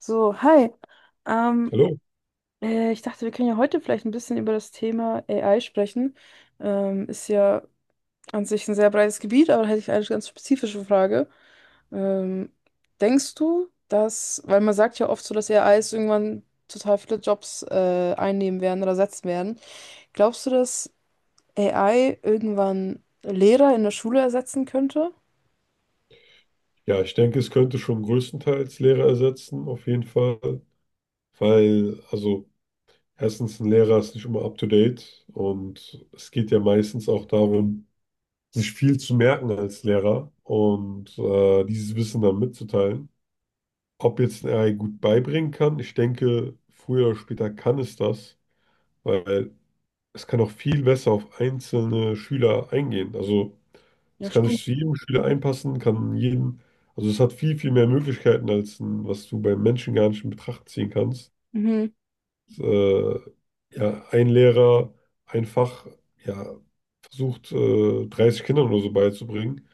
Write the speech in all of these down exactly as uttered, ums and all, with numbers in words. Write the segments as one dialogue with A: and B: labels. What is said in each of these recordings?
A: So, hi. Ähm,
B: Hallo.
A: äh, Ich dachte, wir können ja heute vielleicht ein bisschen über das Thema A I sprechen. Ähm, ist ja an sich ein sehr breites Gebiet, aber da hätte ich eine ganz spezifische Frage. Ähm, Denkst du, dass, weil man sagt ja oft so, dass A Is irgendwann total viele Jobs äh, einnehmen werden oder ersetzen werden, glaubst du, dass A I irgendwann Lehrer in der Schule ersetzen könnte?
B: Ja, ich denke, es könnte schon größtenteils Lehrer ersetzen, auf jeden Fall. Weil, also, erstens, ein Lehrer ist nicht immer up to date und es geht ja meistens auch darum, sich viel zu merken als Lehrer und äh, dieses Wissen dann mitzuteilen. Ob jetzt ein A I gut beibringen kann, ich denke, früher oder später kann es das, weil es kann auch viel besser auf einzelne Schüler eingehen. Also
A: Ja,
B: es kann
A: stimmt.
B: sich zu jedem Schüler einpassen, kann jeden, also es hat viel, viel mehr Möglichkeiten, als ein, was du beim Menschen gar nicht in Betracht ziehen kannst.
A: Mhm.
B: Äh, ja, ein Lehrer einfach, ja, versucht, äh, dreißig Kindern oder so beizubringen.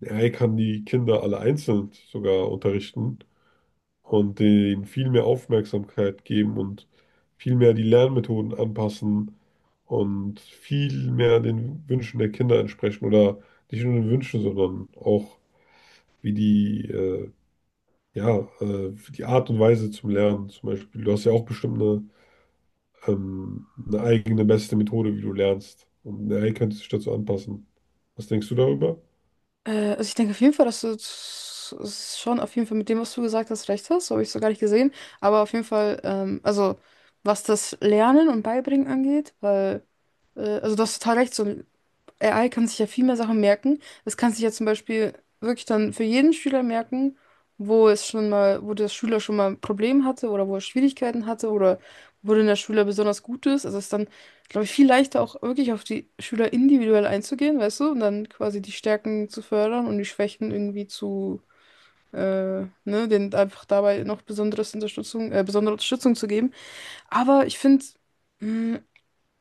B: Ja, Er kann die Kinder alle einzeln sogar unterrichten und denen viel mehr Aufmerksamkeit geben und viel mehr die Lernmethoden anpassen und viel mehr den Wünschen der Kinder entsprechen oder nicht nur den Wünschen, sondern auch wie die, äh, ja, äh, die Art und Weise zum Lernen zum Beispiel. Du hast ja auch bestimmt eine, ähm, eine eigene beste Methode, wie du lernst. Und eine A I könnte sich dazu anpassen. Was denkst du darüber?
A: Äh, also ich denke auf jeden Fall, dass du s- s- schon auf jeden Fall mit dem, was du gesagt hast, recht hast. So habe ich es so gar nicht gesehen. Aber auf jeden Fall, ähm, also was das Lernen und Beibringen angeht, weil, äh, also du hast total recht, so A I kann sich ja viel mehr Sachen merken. Das kann sich ja zum Beispiel wirklich dann für jeden Schüler merken, wo es schon mal, wo der Schüler schon mal ein Problem hatte oder wo er Schwierigkeiten hatte oder worin der Schüler besonders gut ist. Also es ist dann, glaube ich, viel leichter auch wirklich auf die Schüler individuell einzugehen, weißt du, und dann quasi die Stärken zu fördern und die Schwächen irgendwie zu, äh, ne, denen einfach dabei noch besonderes Unterstützung, äh, besondere Unterstützung zu geben. Aber ich finde, hm,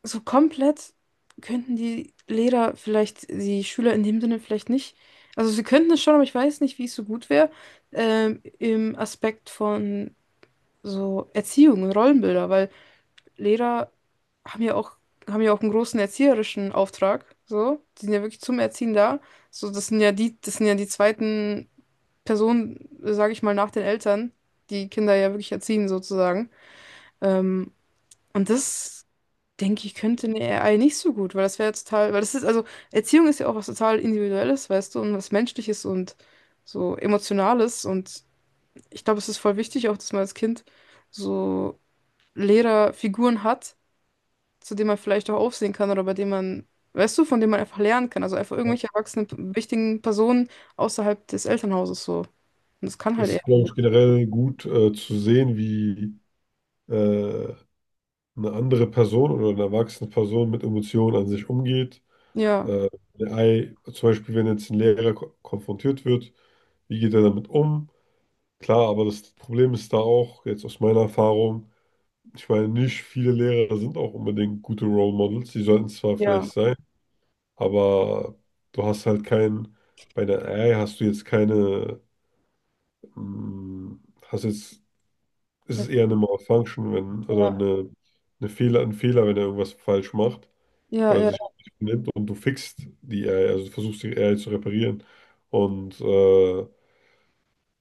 A: so komplett könnten die Lehrer vielleicht, die Schüler in dem Sinne vielleicht nicht. Also sie könnten es schon, aber ich weiß nicht, wie es so gut wäre, ähm, im Aspekt von so Erziehung und Rollenbilder, weil Lehrer haben ja auch, haben ja auch einen großen erzieherischen Auftrag. So, die sind ja wirklich zum Erziehen da. So, das sind ja die, das sind ja die zweiten Personen, sage ich mal, nach den Eltern, die Kinder ja wirklich erziehen, sozusagen. Ähm, und das denke ich, könnte eine A I nicht so gut, weil das wäre jetzt total, weil das ist, also Erziehung ist ja auch was total Individuelles, weißt du, und was Menschliches und so Emotionales und ich glaube, es ist voll wichtig auch, dass man als Kind so Lehrerfiguren hat, zu denen man vielleicht auch aufsehen kann oder bei denen man, weißt du, von denen man einfach lernen kann, also einfach
B: Ja.
A: irgendwelche erwachsenen, wichtigen Personen außerhalb des Elternhauses so. Und das kann halt eher.
B: Ist, glaube ich, generell gut äh, zu sehen, wie äh, eine andere Person oder eine erwachsene Person mit Emotionen an sich umgeht.
A: Ja,
B: Äh, eine A I, zum Beispiel, wenn jetzt ein Lehrer ko konfrontiert wird. Wie geht er damit um? Klar, aber das Problem ist da auch, jetzt aus meiner Erfahrung, ich meine, nicht viele Lehrer sind auch unbedingt gute Role Models. Die sollten zwar
A: ja,
B: vielleicht sein, aber du hast halt keinen, bei einer A I hast du jetzt keine, mm, hast jetzt, ist
A: ja,
B: es eher eine Malfunction, wenn, oder eine, eine Fehler, ein Fehler, wenn er irgendwas falsch macht
A: ja,
B: oder
A: ja,
B: sich
A: ja.
B: nicht benimmt und du fixt die A I, also du versuchst die A I zu reparieren. Und äh,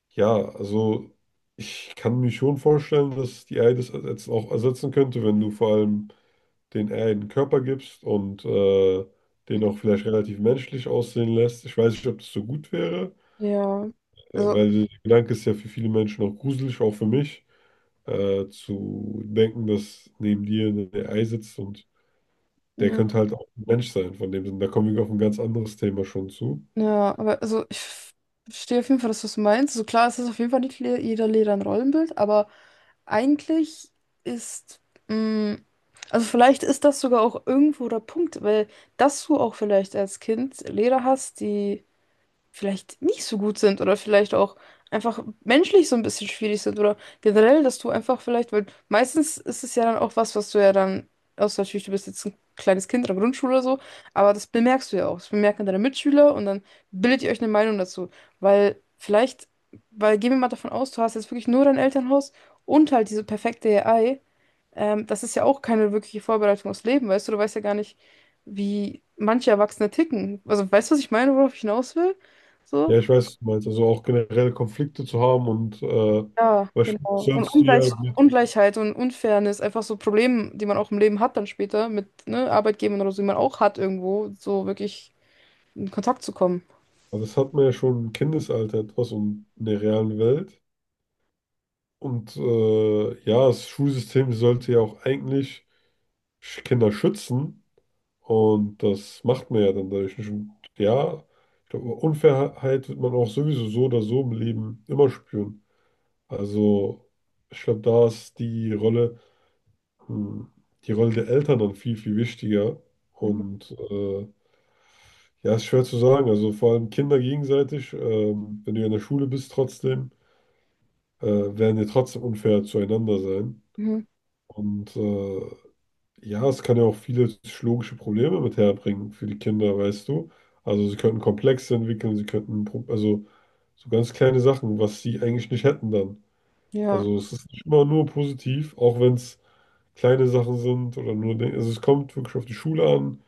B: ja, also ich kann mir schon vorstellen, dass die A I das jetzt auch ersetzen könnte, wenn du vor allem den A I einen Körper gibst und äh, den auch vielleicht relativ menschlich aussehen lässt. Ich weiß nicht, ob das so gut wäre,
A: Ja.
B: äh,
A: Also,
B: weil der Gedanke ist ja für viele Menschen auch gruselig, auch für mich, äh, zu denken, dass neben dir eine A I sitzt und der
A: ja.
B: könnte halt auch ein Mensch sein, von dem Sinn. Da kommen wir auf ein ganz anderes Thema schon zu.
A: Ja, aber also ich f- verstehe auf jeden Fall, dass du es meinst. So also klar, es ist auf jeden Fall nicht le jeder Lehrer ein Rollenbild, aber eigentlich ist, mh, also vielleicht ist das sogar auch irgendwo der Punkt, weil dass du auch vielleicht als Kind Lehrer hast, die vielleicht nicht so gut sind oder vielleicht auch einfach menschlich so ein bisschen schwierig sind oder generell, dass du einfach vielleicht, weil meistens ist es ja dann auch was, was du ja dann, außer natürlich, du bist jetzt ein kleines Kind in der Grundschule oder so, aber das bemerkst du ja auch. Das bemerken deine Mitschüler und dann bildet ihr euch eine Meinung dazu, weil vielleicht, weil gehen wir mal davon aus, du hast jetzt wirklich nur dein Elternhaus und halt diese perfekte A I. Ähm, das ist ja auch keine wirkliche Vorbereitung aufs Leben, weißt du, du weißt ja gar nicht, wie manche Erwachsene ticken. Also, weißt du, was ich meine, worauf ich hinaus will? So.
B: Ja, ich weiß, was du meinst, also auch generell Konflikte zu haben und äh,
A: Ja,
B: beispielsweise
A: genau. Und
B: sollst du ja
A: Ungleich
B: die.
A: Ungleichheit und Unfairness, einfach so Probleme, die man auch im Leben hat dann später mit ne, Arbeitgebern oder so, die man auch hat irgendwo, so wirklich in Kontakt zu kommen.
B: Aber das hat man ja schon im Kindesalter etwas und in der realen Welt. Und äh, ja, das Schulsystem sollte ja auch eigentlich Sch- Kinder schützen. Und das macht man ja dann dadurch nicht. Und ja, ich glaube, Unfairheit wird man auch sowieso so oder so im Leben immer spüren. Also, ich glaube, da ist die Rolle, hm, die Rolle der Eltern dann viel, viel wichtiger.
A: Mhm.
B: Und äh, ja, ist schwer zu sagen. Also vor allem Kinder gegenseitig, ähm, wenn du ja in der Schule bist trotzdem. äh, werden ja trotzdem unfair zueinander sein.
A: Mhm.
B: Und äh, ja, es kann ja auch viele psychologische Probleme mit herbringen für die Kinder, weißt du. Also sie könnten Komplexe entwickeln, sie könnten, Pro- also so ganz kleine Sachen, was sie eigentlich nicht hätten dann.
A: Ja,
B: Also es ist nicht immer nur positiv, auch wenn es kleine Sachen sind oder nur, Dinge- also es kommt wirklich auf die Schule an.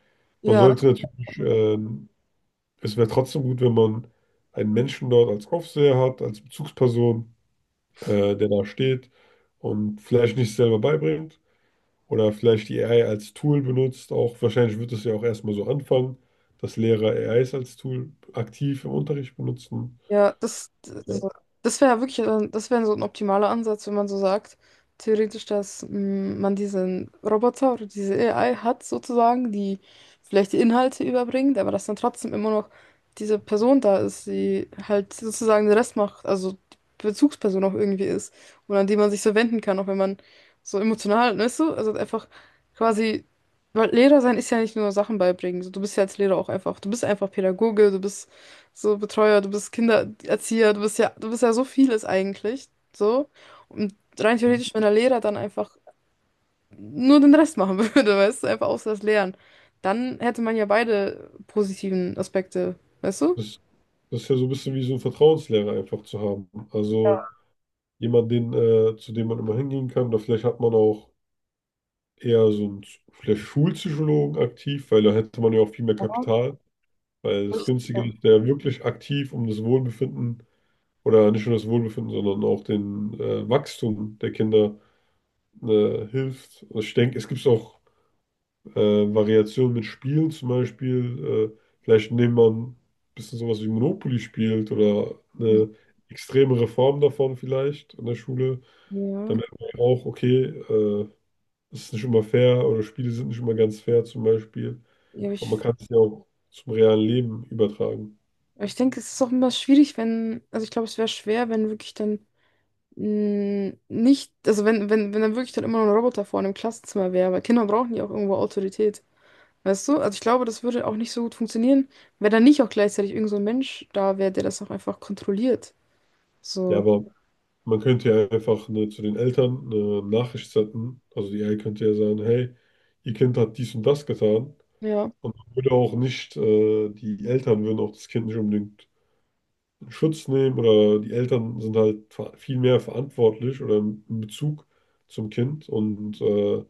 B: Man
A: ja,
B: sollte natürlich, ähm, es wäre trotzdem gut, wenn man einen Menschen dort als Aufseher hat, als Bezugsperson äh, der da steht und vielleicht nicht selber beibringt oder vielleicht die A I als Tool benutzt. Auch wahrscheinlich wird es ja auch erstmal so anfangen, dass Lehrer A Is als Tool aktiv im Unterricht benutzen.
A: ja, das, das,
B: Äh,
A: das wäre wirklich, äh, das wäre so ein optimaler Ansatz, wenn man so sagt, theoretisch, dass mm, man diesen Roboter oder diese A I hat sozusagen, die vielleicht die Inhalte überbringt, aber dass dann trotzdem immer noch diese Person da ist, die halt sozusagen den Rest macht, also die Bezugsperson auch irgendwie ist und an die man sich so wenden kann, auch wenn man so emotional, weißt du, also einfach quasi, weil Lehrer sein ist ja nicht nur Sachen beibringen, so, du bist ja als Lehrer auch einfach, du bist einfach Pädagoge, du bist so Betreuer, du bist Kindererzieher, du bist ja, du bist ja so vieles eigentlich. So. Und rein theoretisch, wenn der Lehrer dann einfach nur den Rest machen würde, weißt du, einfach außer das Lehren, dann hätte man ja beide positiven Aspekte, weißt du?
B: Das, das ist ja so ein bisschen wie so ein Vertrauenslehrer einfach zu haben. Also jemand, den, äh, zu dem man immer hingehen kann. Oder vielleicht hat man auch eher so einen vielleicht Schulpsychologen aktiv, weil da hätte man ja auch viel mehr Kapital. Weil das
A: Ich-
B: Günstige
A: Ja,
B: ist ja wirklich aktiv um das Wohlbefinden oder nicht nur das Wohlbefinden, sondern auch den äh, Wachstum der Kinder äh, hilft. Also ich denke, es gibt auch äh, Variationen mit Spielen zum Beispiel. Äh, vielleicht indem man ein bisschen sowas wie Monopoly spielt oder eine extremere Form davon vielleicht in der Schule. Dann
A: ja,
B: merkt man ja auch, okay, äh, es ist nicht immer fair oder Spiele sind nicht immer ganz fair zum Beispiel.
A: ja,
B: Aber man
A: ich,
B: kann es ja auch zum realen Leben übertragen.
A: ich denke, es ist auch immer schwierig, wenn, also ich glaube, es wäre schwer, wenn wirklich dann mh, nicht, also wenn, wenn, wenn dann wirklich dann immer noch ein Roboter vorne im Klassenzimmer wäre, weil Kinder brauchen ja auch irgendwo Autorität. Weißt du? Also ich glaube, das würde auch nicht so gut funktionieren, wenn da nicht auch gleichzeitig irgend so ein Mensch da wäre, der das auch einfach kontrolliert.
B: Ja,
A: So,
B: aber Man könnte ja einfach ne, zu den Eltern eine Nachricht senden. Also die A I könnte ja sagen, hey, ihr Kind hat dies und das getan.
A: ja,
B: Und man würde auch nicht, äh, die Eltern würden auch das Kind nicht unbedingt in Schutz nehmen oder die Eltern sind halt ver- viel mehr verantwortlich oder in Bezug zum Kind und äh,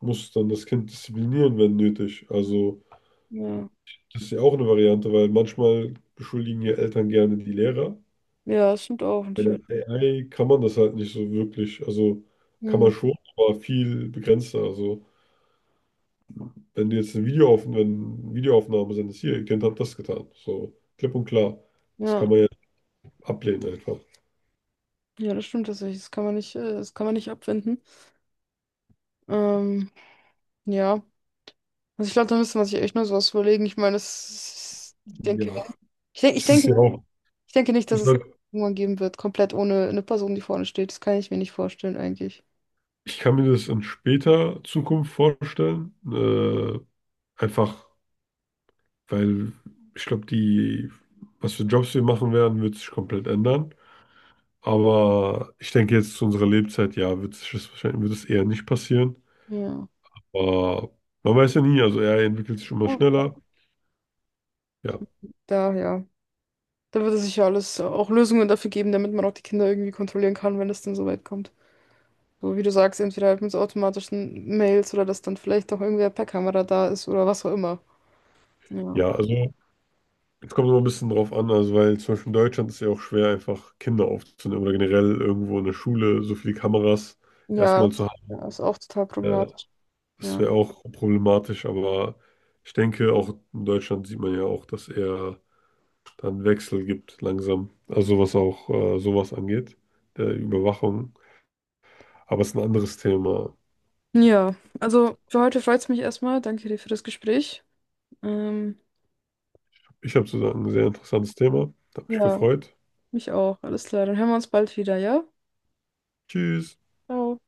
B: muss dann das Kind disziplinieren, wenn nötig. Also
A: ja.
B: das ist ja auch eine Variante, weil manchmal beschuldigen ja Eltern gerne die Lehrer.
A: Ja, das stimmt auch
B: Bei der
A: natürlich.
B: A I kann man das halt nicht so wirklich. Also kann
A: Hm,
B: man schon, aber viel begrenzter. Also wenn du jetzt ein Video auf, wenn Videoaufnahmen sind, ist hier, ihr Kind hat das getan. So klipp und klar. Das kann
A: ja,
B: man ja ablehnen einfach.
A: ja, das stimmt tatsächlich. Das kann man nicht, äh, das kann man nicht abwenden. Ähm, ja. Also ich glaube, da müsste man sich echt nur sowas überlegen. Ich meine, das ist, ich
B: Ja,
A: denke, wenn- ich denke, ich
B: es ist ja
A: denke,
B: auch.
A: ich denke nicht, dass
B: Ich
A: es
B: sag,
A: irgendwann geben wird, komplett ohne eine Person, die vorne steht. Das kann ich mir nicht vorstellen eigentlich.
B: ich kann mir das in später Zukunft vorstellen. Äh, einfach, weil ich glaube, die, was für Jobs wir machen werden, wird sich komplett ändern. Aber ich denke jetzt zu unserer Lebzeit, ja, wird sich das wahrscheinlich, wird es eher nicht passieren.
A: Ja.
B: Aber man weiß ja nie, also er entwickelt sich immer
A: Oh.
B: schneller. Ja,
A: Daher. Da wird es sicher alles auch Lösungen dafür geben, damit man auch die Kinder irgendwie kontrollieren kann, wenn es denn so weit kommt. So wie du sagst, entweder halt mit so automatischen Mails oder dass dann vielleicht auch irgendwer per Kamera da ist oder was auch immer. Ja.
B: ja, also es kommt immer ein bisschen drauf an, also weil zum Beispiel in Deutschland ist ja auch schwer, einfach Kinder aufzunehmen oder generell irgendwo in der Schule so viele Kameras
A: Ja,
B: erstmal zu haben.
A: ja, ist auch total
B: Äh,
A: problematisch.
B: das
A: Ja.
B: wäre auch problematisch, aber ich denke, auch in Deutschland sieht man ja auch, dass er dann Wechsel gibt langsam. Also was auch äh, sowas angeht, der Überwachung. Aber es ist ein anderes Thema.
A: Ja, also für heute freut es mich erstmal. Danke dir für das Gespräch. Ähm,
B: Ich habe sozusagen ein sehr interessantes Thema. Hat mich
A: ja,
B: gefreut.
A: mich auch. Alles klar. Dann hören wir uns bald wieder, ja?
B: Tschüss.
A: Ciao.